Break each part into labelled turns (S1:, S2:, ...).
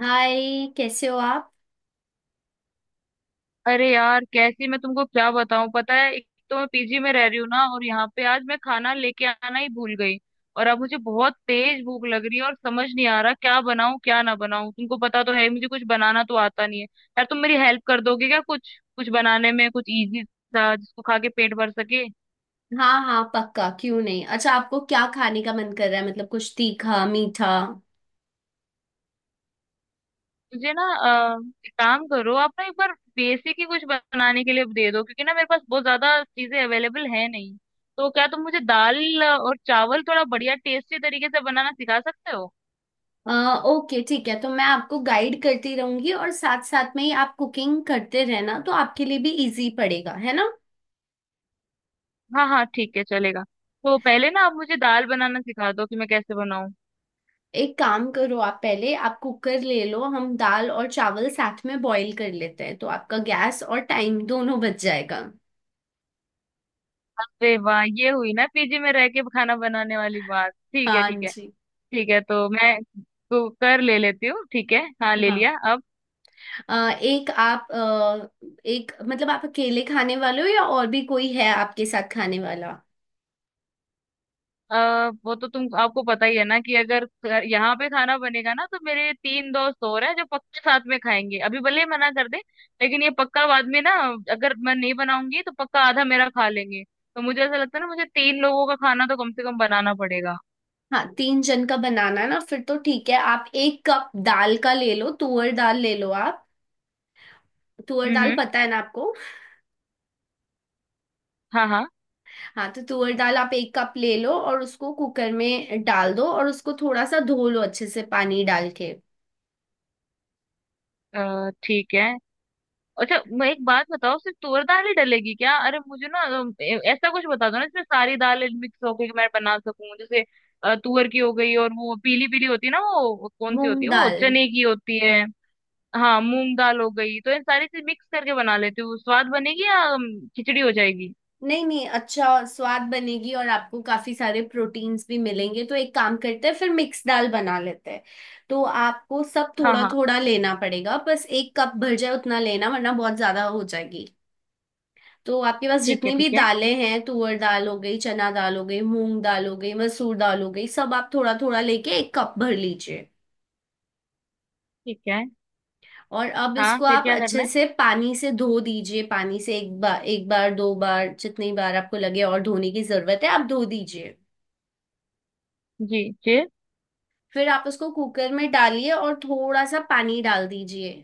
S1: हाय, कैसे हो आप।
S2: अरे यार कैसी, मैं तुमको क्या बताऊं। पता है एक तो मैं पीजी में रह रही हूँ ना, और यहाँ पे आज मैं खाना लेके आना ही भूल गई। और अब मुझे बहुत तेज भूख लग रही है, और समझ नहीं आ रहा क्या बनाऊं क्या ना बनाऊं। तुमको पता तो है मुझे कुछ बनाना तो आता नहीं है यार। तुम मेरी हेल्प कर दोगे क्या, कुछ कुछ बनाने में, कुछ इजी सा जिसको खा के पेट भर सके।
S1: हाँ हाँ, पक्का क्यों नहीं। अच्छा, आपको क्या खाने का मन कर रहा है? मतलब कुछ तीखा मीठा।
S2: मुझे ना अ, एक काम करो, आप ना एक बार बेसिक ही कुछ बनाने के लिए दे दो, क्योंकि ना मेरे पास बहुत ज्यादा चीजें अवेलेबल है नहीं। तो क्या तुम मुझे दाल और चावल थोड़ा बढ़िया टेस्टी तरीके से बनाना सिखा सकते हो?
S1: अ, ओके ठीक है, तो मैं आपको गाइड करती रहूंगी और साथ साथ में ही आप कुकिंग करते रहना, तो आपके लिए भी इजी पड़ेगा है ना।
S2: हाँ हाँ ठीक है चलेगा। तो पहले ना आप मुझे दाल बनाना सिखा दो कि मैं कैसे बनाऊं।
S1: एक काम करो, आप पहले आप कुकर ले लो, हम दाल और चावल साथ में बॉईल कर लेते हैं, तो आपका गैस और टाइम दोनों बच जाएगा।
S2: अरे वाह, ये हुई ना पीजी में रह के खाना बनाने वाली बात। ठीक है
S1: हाँ
S2: ठीक है।
S1: जी।
S2: ठीक है, तो मैं कुकर ले लेती हूँ। ठीक है, हाँ ले लिया
S1: हाँ।
S2: अब।
S1: अ, एक आप अ, एक मतलब आप अकेले खाने वाले हो या और भी कोई है आपके साथ खाने वाला?
S2: अ, वो तो तुम, आपको पता ही है ना कि अगर यहाँ पे खाना बनेगा ना, तो मेरे तीन दोस्त और हैं जो पक्का साथ में खाएंगे, अभी भले ही मना कर दे लेकिन ये पक्का, बाद में ना, अगर मैं नहीं बनाऊंगी तो पक्का आधा मेरा खा लेंगे। तो मुझे ऐसा लगता है ना, मुझे तीन लोगों का खाना तो कम से कम बनाना पड़ेगा।
S1: हाँ, तीन जन का बनाना है ना? फिर तो ठीक है, आप एक कप दाल का ले लो, तुअर दाल ले लो आप। तुअर दाल
S2: हम्म।
S1: पता है ना आपको?
S2: हाँ हाँ।
S1: हाँ, तो तुअर दाल आप एक कप ले लो और उसको कुकर में डाल दो और उसको थोड़ा सा धो लो अच्छे से पानी डाल के।
S2: ठीक है। अच्छा मैं एक बात बताओ, सिर्फ तुअर दाल ही डलेगी क्या? अरे मुझे ना ऐसा कुछ बता दो ना जिसमें सारी दालें मिक्स हो के मैं बना सकूं, जैसे तुअर की हो गई, और वो पीली पीली होती है ना, वो कौन सी होती
S1: मूंग
S2: है, वो
S1: दाल।
S2: चने की होती है। हाँ मूंग दाल हो गई, तो इन सारी चीज मिक्स करके बना लेती हूँ, स्वाद बनेगी या खिचड़ी हो जाएगी?
S1: नहीं नहीं, अच्छा स्वाद बनेगी और आपको काफी सारे प्रोटीन्स भी मिलेंगे, तो एक काम करते हैं, फिर मिक्स दाल बना लेते हैं। तो आपको सब
S2: हाँ
S1: थोड़ा
S2: हाँ
S1: थोड़ा लेना पड़ेगा, बस एक कप भर जाए उतना लेना, वरना बहुत ज्यादा हो जाएगी। तो आपके पास
S2: ठीक है
S1: जितनी भी
S2: ठीक है।
S1: दालें हैं, तुअर दाल हो गई, चना दाल हो गई, मूंग दाल हो गई, मसूर दाल हो गई, सब आप थोड़ा थोड़ा लेके एक कप भर लीजिए।
S2: ठीक है।
S1: और अब
S2: हाँ
S1: इसको
S2: फिर
S1: आप
S2: क्या करना
S1: अच्छे
S2: है?
S1: से पानी से धो दीजिए, पानी से एक बार, एक बार, दो बार, जितनी बार आपको लगे और धोने की जरूरत है, आप धो दीजिए।
S2: जी जी।
S1: फिर आप उसको कुकर में डालिए और थोड़ा सा पानी डाल दीजिए।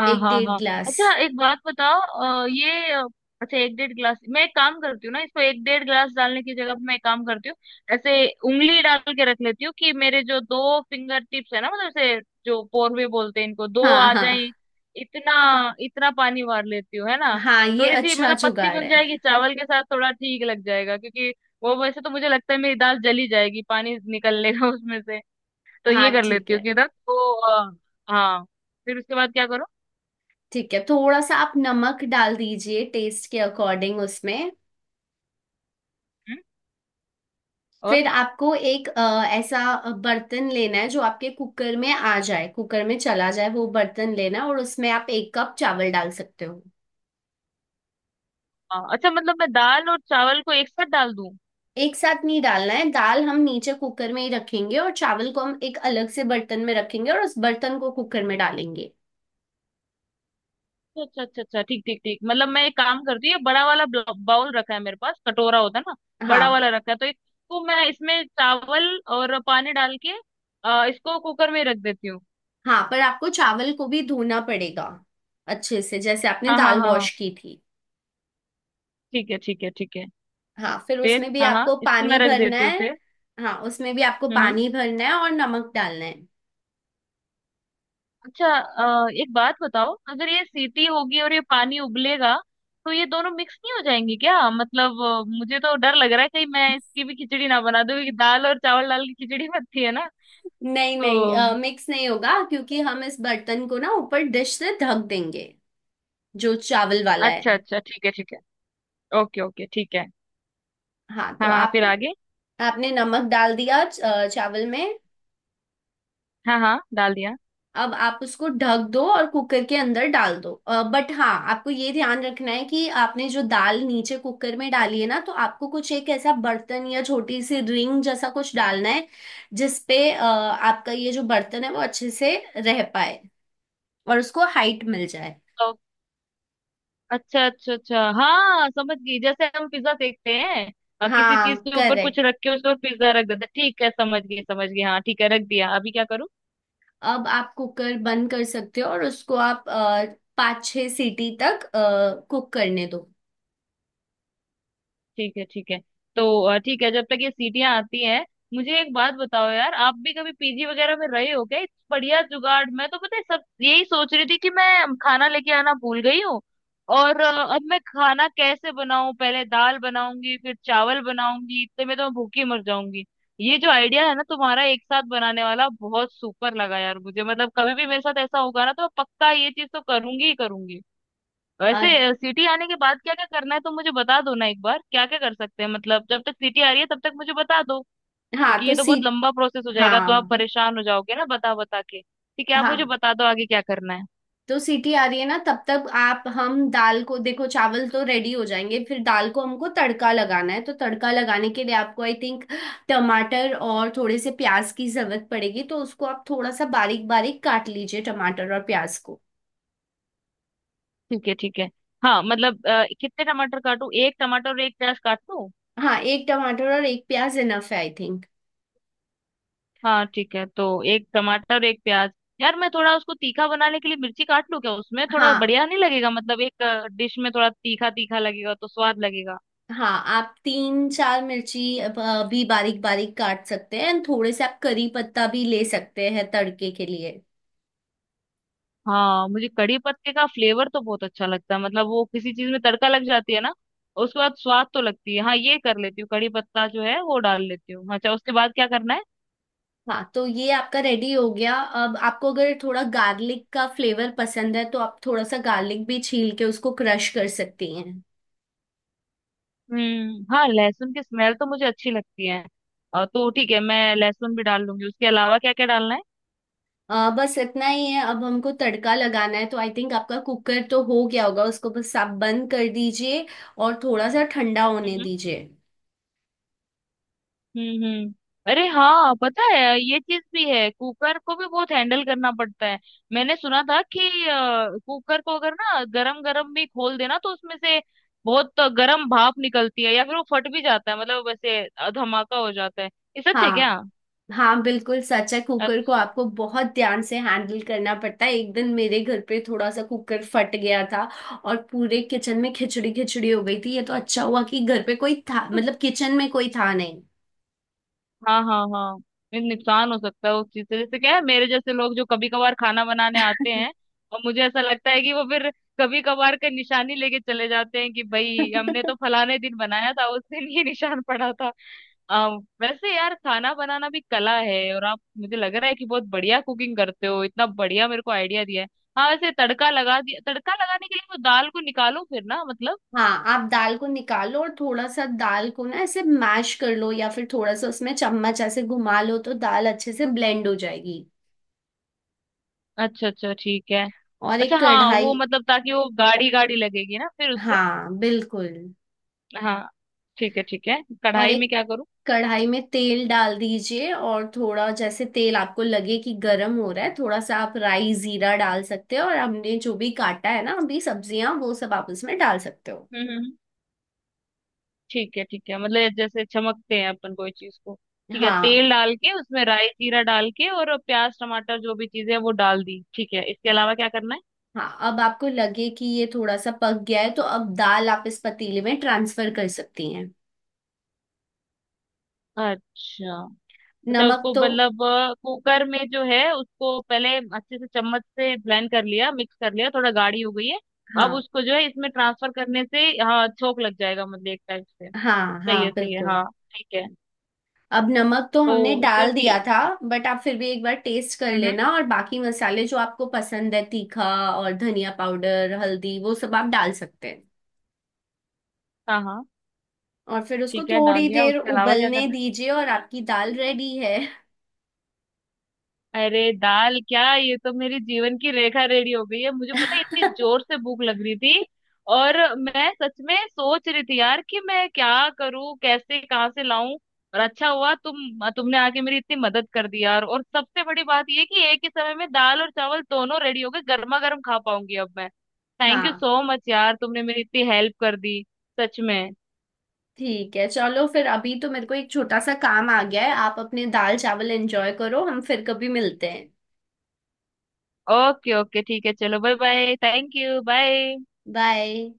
S2: हाँ
S1: एक
S2: हाँ
S1: डेढ़
S2: हाँ।
S1: गिलास।
S2: अच्छा एक बात बताओ, ये अच्छा, एक डेढ़ गिलास, मैं एक काम करती हूँ ना, इसको एक डेढ़ गिलास डालने की जगह पे मैं एक काम करती हूँ। ऐसे उंगली डाल के रख लेती हूँ कि मेरे जो दो फिंगर टिप्स है ना, मतलब ऐसे जो पोरवे बोलते हैं इनको, दो
S1: हाँ
S2: आ
S1: हाँ
S2: जाए, इतना, इतना पानी मार लेती हूँ, है ना?
S1: हाँ, ये
S2: थोड़ी सी
S1: अच्छा
S2: मतलब पतली
S1: जुगाड़
S2: बन
S1: है।
S2: जाएगी, चावल के साथ थोड़ा ठीक लग जाएगा, क्योंकि वो, वैसे तो मुझे लगता है मेरी दाल जली जाएगी, पानी निकल लेगा उसमें से। तो
S1: हाँ
S2: ये कर
S1: ठीक
S2: लेती हूँ
S1: है
S2: कि ना, तो अ, हाँ। फिर उसके बाद क्या करो,
S1: ठीक है, थोड़ा सा आप नमक डाल दीजिए टेस्ट के अकॉर्डिंग उसमें।
S2: और?
S1: फिर आपको एक ऐसा बर्तन लेना है जो आपके कुकर में आ जाए, कुकर में चला जाए, वो बर्तन लेना है, और उसमें आप एक कप चावल डाल सकते हो।
S2: हाँ, अच्छा मतलब मैं दाल और चावल को एक साथ डाल दूं?
S1: एक साथ नहीं डालना है, दाल हम नीचे कुकर में ही रखेंगे और चावल को हम एक अलग से बर्तन में रखेंगे और उस बर्तन को कुकर में डालेंगे।
S2: अच्छा अच्छा अच्छा, ठीक ठीक ठीक। मतलब मैं एक काम करती हूँ, ये बड़ा वाला बाउल रखा है मेरे पास, कटोरा होता है ना, बड़ा
S1: हाँ
S2: वाला रखा है, तो इसको मैं इसमें चावल और पानी डाल के इसको कुकर में रख देती हूँ।
S1: हाँ, पर आपको चावल को भी धोना पड़ेगा अच्छे से, जैसे आपने
S2: हाँ हाँ
S1: दाल
S2: हाँ हाँ,
S1: वॉश की थी।
S2: ठीक है ठीक है ठीक है।
S1: हाँ, फिर
S2: फिर
S1: उसमें भी
S2: हाँ हाँ,
S1: आपको
S2: इसको
S1: पानी
S2: मैं रख
S1: भरना
S2: देती हूँ
S1: है।
S2: फिर।
S1: हाँ, उसमें भी आपको
S2: हम्म हम्म।
S1: पानी भरना है और नमक डालना है।
S2: अच्छा एक बात बताओ, अगर ये सीटी होगी और ये पानी उबलेगा, तो ये दोनों मिक्स नहीं हो जाएंगे क्या? मतलब मुझे तो डर लग रहा है कहीं मैं इसकी भी खिचड़ी ना बना दूं, क्योंकि दाल और चावल, दाल की खिचड़ी बनती है ना
S1: नहीं
S2: तो।
S1: नहीं, मिक्स नहीं होगा, क्योंकि हम इस बर्तन को ना ऊपर डिश से ढक देंगे। जो चावल वाला
S2: अच्छा
S1: है।
S2: अच्छा ठीक है ठीक है। ओके ओके ठीक है।
S1: हाँ, तो
S2: हाँ हाँ,
S1: आप।
S2: फिर आगे?
S1: आपने नमक डाल दिया चावल में।
S2: हाँ हाँ डाल दिया।
S1: अब आप उसको ढक दो और कुकर के अंदर डाल दो। बट हाँ, आपको ये ध्यान रखना है कि आपने जो दाल नीचे कुकर में डाली है ना, तो आपको कुछ एक ऐसा बर्तन या छोटी सी रिंग जैसा कुछ डालना है, जिसपे आपका ये जो बर्तन है वो अच्छे से रह पाए और उसको हाइट मिल जाए।
S2: तो अच्छा अच्छा अच्छा, हाँ समझ गई, जैसे हम पिज्जा देखते हैं, किसी
S1: हाँ
S2: चीज के ऊपर कुछ
S1: करेक्ट।
S2: रख के उसके ऊपर पिज्जा रख देते हैं। ठीक है, समझ गई समझ गई, हाँ ठीक है रख दिया, अभी क्या करूँ?
S1: अब आप कुकर बंद कर सकते हो और उसको आप पाँच छः सीटी तक कुक करने दो।
S2: ठीक है ठीक है। तो ठीक है, जब तक ये सीटियां आती हैं, मुझे एक बात बताओ यार, आप भी कभी पीजी वगैरह में रहे हो क्या? इस बढ़िया जुगाड़, मैं तो पता है सब यही सोच रही थी कि मैं खाना लेके आना भूल गई हूँ, और अब मैं खाना कैसे बनाऊं, पहले दाल बनाऊंगी फिर चावल बनाऊंगी, इतने में तो मैं भूखी मर जाऊंगी। ये जो आइडिया है ना तुम्हारा, एक साथ बनाने वाला, बहुत सुपर लगा यार मुझे, मतलब कभी भी मेरे साथ ऐसा होगा ना तो मैं पक्का ये चीज तो करूंगी ही करूंगी।
S1: अ,
S2: वैसे सिटी आने के बाद क्या क्या करना है तो मुझे बता दो ना एक बार, क्या क्या कर सकते हैं, मतलब जब तक सिटी आ रही है तब तक मुझे बता दो,
S1: हाँ
S2: क्योंकि
S1: तो
S2: ये तो बहुत
S1: सीट
S2: लंबा प्रोसेस हो जाएगा, तो आप
S1: हाँ
S2: परेशान हो जाओगे ना बता बता के, ठीक है आप मुझे
S1: हाँ,
S2: बता दो आगे क्या करना है।
S1: तो सीटी आ रही है ना, तब तक आप हम दाल को देखो, चावल तो रेडी हो जाएंगे, फिर दाल को हमको तड़का लगाना है, तो तड़का लगाने के लिए आपको आई थिंक टमाटर और थोड़े से प्याज की जरूरत पड़ेगी, तो उसको आप थोड़ा सा बारीक बारीक काट लीजिए टमाटर और प्याज को।
S2: ठीक है ठीक है। हाँ मतलब कितने टमाटर काटूं, एक टमाटर और एक प्याज काट लूं?
S1: हाँ, एक टमाटर और एक प्याज इनफ है आई थिंक।
S2: हाँ ठीक है, तो एक टमाटर और एक प्याज। यार मैं थोड़ा उसको तीखा बनाने के लिए मिर्ची काट लूं क्या उसमें, थोड़ा
S1: हाँ
S2: बढ़िया नहीं लगेगा? मतलब एक डिश में थोड़ा तीखा तीखा लगेगा तो स्वाद लगेगा।
S1: हाँ, आप तीन चार मिर्ची भी बारीक बारीक काट सकते हैं, एंड थोड़े से आप करी पत्ता भी ले सकते हैं तड़के के लिए।
S2: हाँ मुझे कड़ी पत्ते का फ्लेवर तो बहुत अच्छा लगता है, मतलब वो किसी चीज में तड़का लग जाती है ना, और उसके बाद स्वाद तो लगती है। हाँ ये कर लेती हूँ, कड़ी पत्ता जो है वो डाल लेती हूँ। अच्छा उसके बाद क्या करना है?
S1: हाँ, तो ये आपका रेडी हो गया। अब आपको अगर थोड़ा गार्लिक का फ्लेवर पसंद है, तो आप थोड़ा सा गार्लिक भी छील के उसको क्रश कर सकती हैं।
S2: हम्म, हाँ लहसुन की स्मेल तो मुझे अच्छी लगती है। तो ठीक है, मैं लहसुन भी डाल लूंगी, उसके अलावा क्या क्या डालना
S1: बस इतना ही है। अब हमको तड़का लगाना है, तो आई थिंक आपका कुकर तो हो गया होगा, उसको बस आप बंद कर दीजिए और थोड़ा सा ठंडा होने
S2: है?
S1: दीजिए।
S2: हम्म। अरे हाँ पता है, ये चीज भी है, कुकर को भी बहुत हैंडल करना पड़ता है। मैंने सुना था कि कुकर को अगर ना गरम गरम भी खोल देना तो उसमें से बहुत गरम भाप निकलती है, या फिर वो फट भी जाता है, मतलब वैसे धमाका हो जाता है। ये सच है
S1: हाँ
S2: क्या?
S1: हाँ, बिल्कुल सच है, कुकर को
S2: अच्छा।
S1: आपको बहुत ध्यान से हैंडल करना पड़ता है। एक दिन मेरे घर पे थोड़ा सा कुकर फट गया था और पूरे किचन में खिचड़ी खिचड़ी हो गई थी। ये तो अच्छा हुआ कि घर पे कोई था, मतलब किचन में कोई था नहीं।
S2: हाँ हाँ हाँ। ये नुकसान हो सकता है उस चीज से, जैसे क्या है मेरे जैसे लोग जो कभी कभार खाना बनाने आते हैं, और मुझे ऐसा लगता है कि वो फिर कभी कभार का निशानी लेके चले जाते हैं कि भाई हमने तो फलाने दिन बनाया था, उस दिन ये निशान पड़ा था। आ, वैसे यार खाना बनाना भी कला है, और आप, मुझे लग रहा है कि बहुत बढ़िया कुकिंग करते हो, इतना बढ़िया मेरे को आइडिया दिया है। हाँ वैसे तड़का लगा दिया, तड़का लगाने के लिए वो दाल को निकालो फिर ना मतलब?
S1: हाँ, आप दाल को निकालो और थोड़ा सा दाल को ना ऐसे मैश कर लो, या फिर थोड़ा सा उसमें चम्मच ऐसे घुमा लो तो दाल अच्छे से ब्लेंड हो जाएगी।
S2: अच्छा अच्छा ठीक है।
S1: और
S2: अच्छा
S1: एक
S2: हाँ वो
S1: कढ़ाई।
S2: मतलब ताकि वो गाढ़ी गाढ़ी लगेगी ना फिर उससे।
S1: हाँ बिल्कुल।
S2: हाँ ठीक है ठीक है।
S1: और
S2: कढ़ाई में
S1: एक
S2: क्या करूँ?
S1: कढ़ाई में तेल डाल दीजिए, और थोड़ा जैसे तेल आपको लगे कि गर्म हो रहा है, थोड़ा सा आप राई जीरा डाल सकते हो, और हमने जो भी काटा है ना अभी सब्जियां वो सब आप उसमें डाल सकते हो।
S2: हम्म हम्म, ठीक है ठीक है, मतलब जैसे चमकते हैं अपन कोई चीज को। ठीक है,
S1: हाँ
S2: तेल डाल के उसमें राई जीरा डाल के और प्याज टमाटर जो भी चीजें हैं वो डाल दी, ठीक है इसके अलावा क्या करना है?
S1: हाँ, अब आपको लगे कि ये थोड़ा सा पक गया है तो अब दाल आप इस पतीले में ट्रांसफर कर सकती हैं।
S2: अच्छा अच्छा।
S1: नमक
S2: उसको
S1: तो
S2: मतलब कुकर में जो है उसको पहले अच्छे से चम्मच से ब्लेंड कर लिया मिक्स कर लिया, थोड़ा गाढ़ी हो गई है। अब
S1: हाँ
S2: उसको जो है इसमें ट्रांसफर करने से, हाँ छोक लग जाएगा, मतलब एक टाइप से।
S1: हाँ
S2: सही
S1: हाँ
S2: है सही है,
S1: बिल्कुल।
S2: हाँ। ठीक है।
S1: अब नमक तो
S2: तो
S1: हमने डाल
S2: सिर्फ ये।
S1: दिया था, बट आप फिर भी एक बार टेस्ट कर
S2: हम्म, हम्म।
S1: लेना, और बाकी मसाले जो आपको पसंद है तीखा और धनिया पाउडर हल्दी वो सब आप डाल सकते हैं।
S2: हाँ हाँ।
S1: और फिर उसको
S2: ठीक है डाल
S1: थोड़ी
S2: दिया,
S1: देर
S2: उसके अलावा क्या
S1: उबलने
S2: करना है?
S1: दीजिए और आपकी दाल रेडी है।
S2: अरे दाल क्या, ये तो मेरी जीवन की रेखा रेडी हो गई है, मुझे पता है इतनी जोर से भूख लग रही थी, और मैं सच में सोच रही थी यार कि मैं क्या करूं कैसे कहाँ से लाऊं, और अच्छा हुआ तुमने आके मेरी इतनी मदद कर दी यार, और सबसे बड़ी बात ये कि एक ही समय में दाल और चावल दोनों रेडी हो गए, गर्मा गर्म खा पाऊंगी अब मैं। थैंक यू
S1: हाँ
S2: सो मच यार, तुमने मेरी इतनी हेल्प कर दी, सच में।
S1: ठीक है, चलो फिर अभी तो मेरे को एक छोटा सा काम आ गया है, आप अपने दाल चावल एंजॉय करो, हम फिर कभी मिलते हैं।
S2: ओके ओके ठीक है, चलो bye bye, thank you bye.
S1: Bye.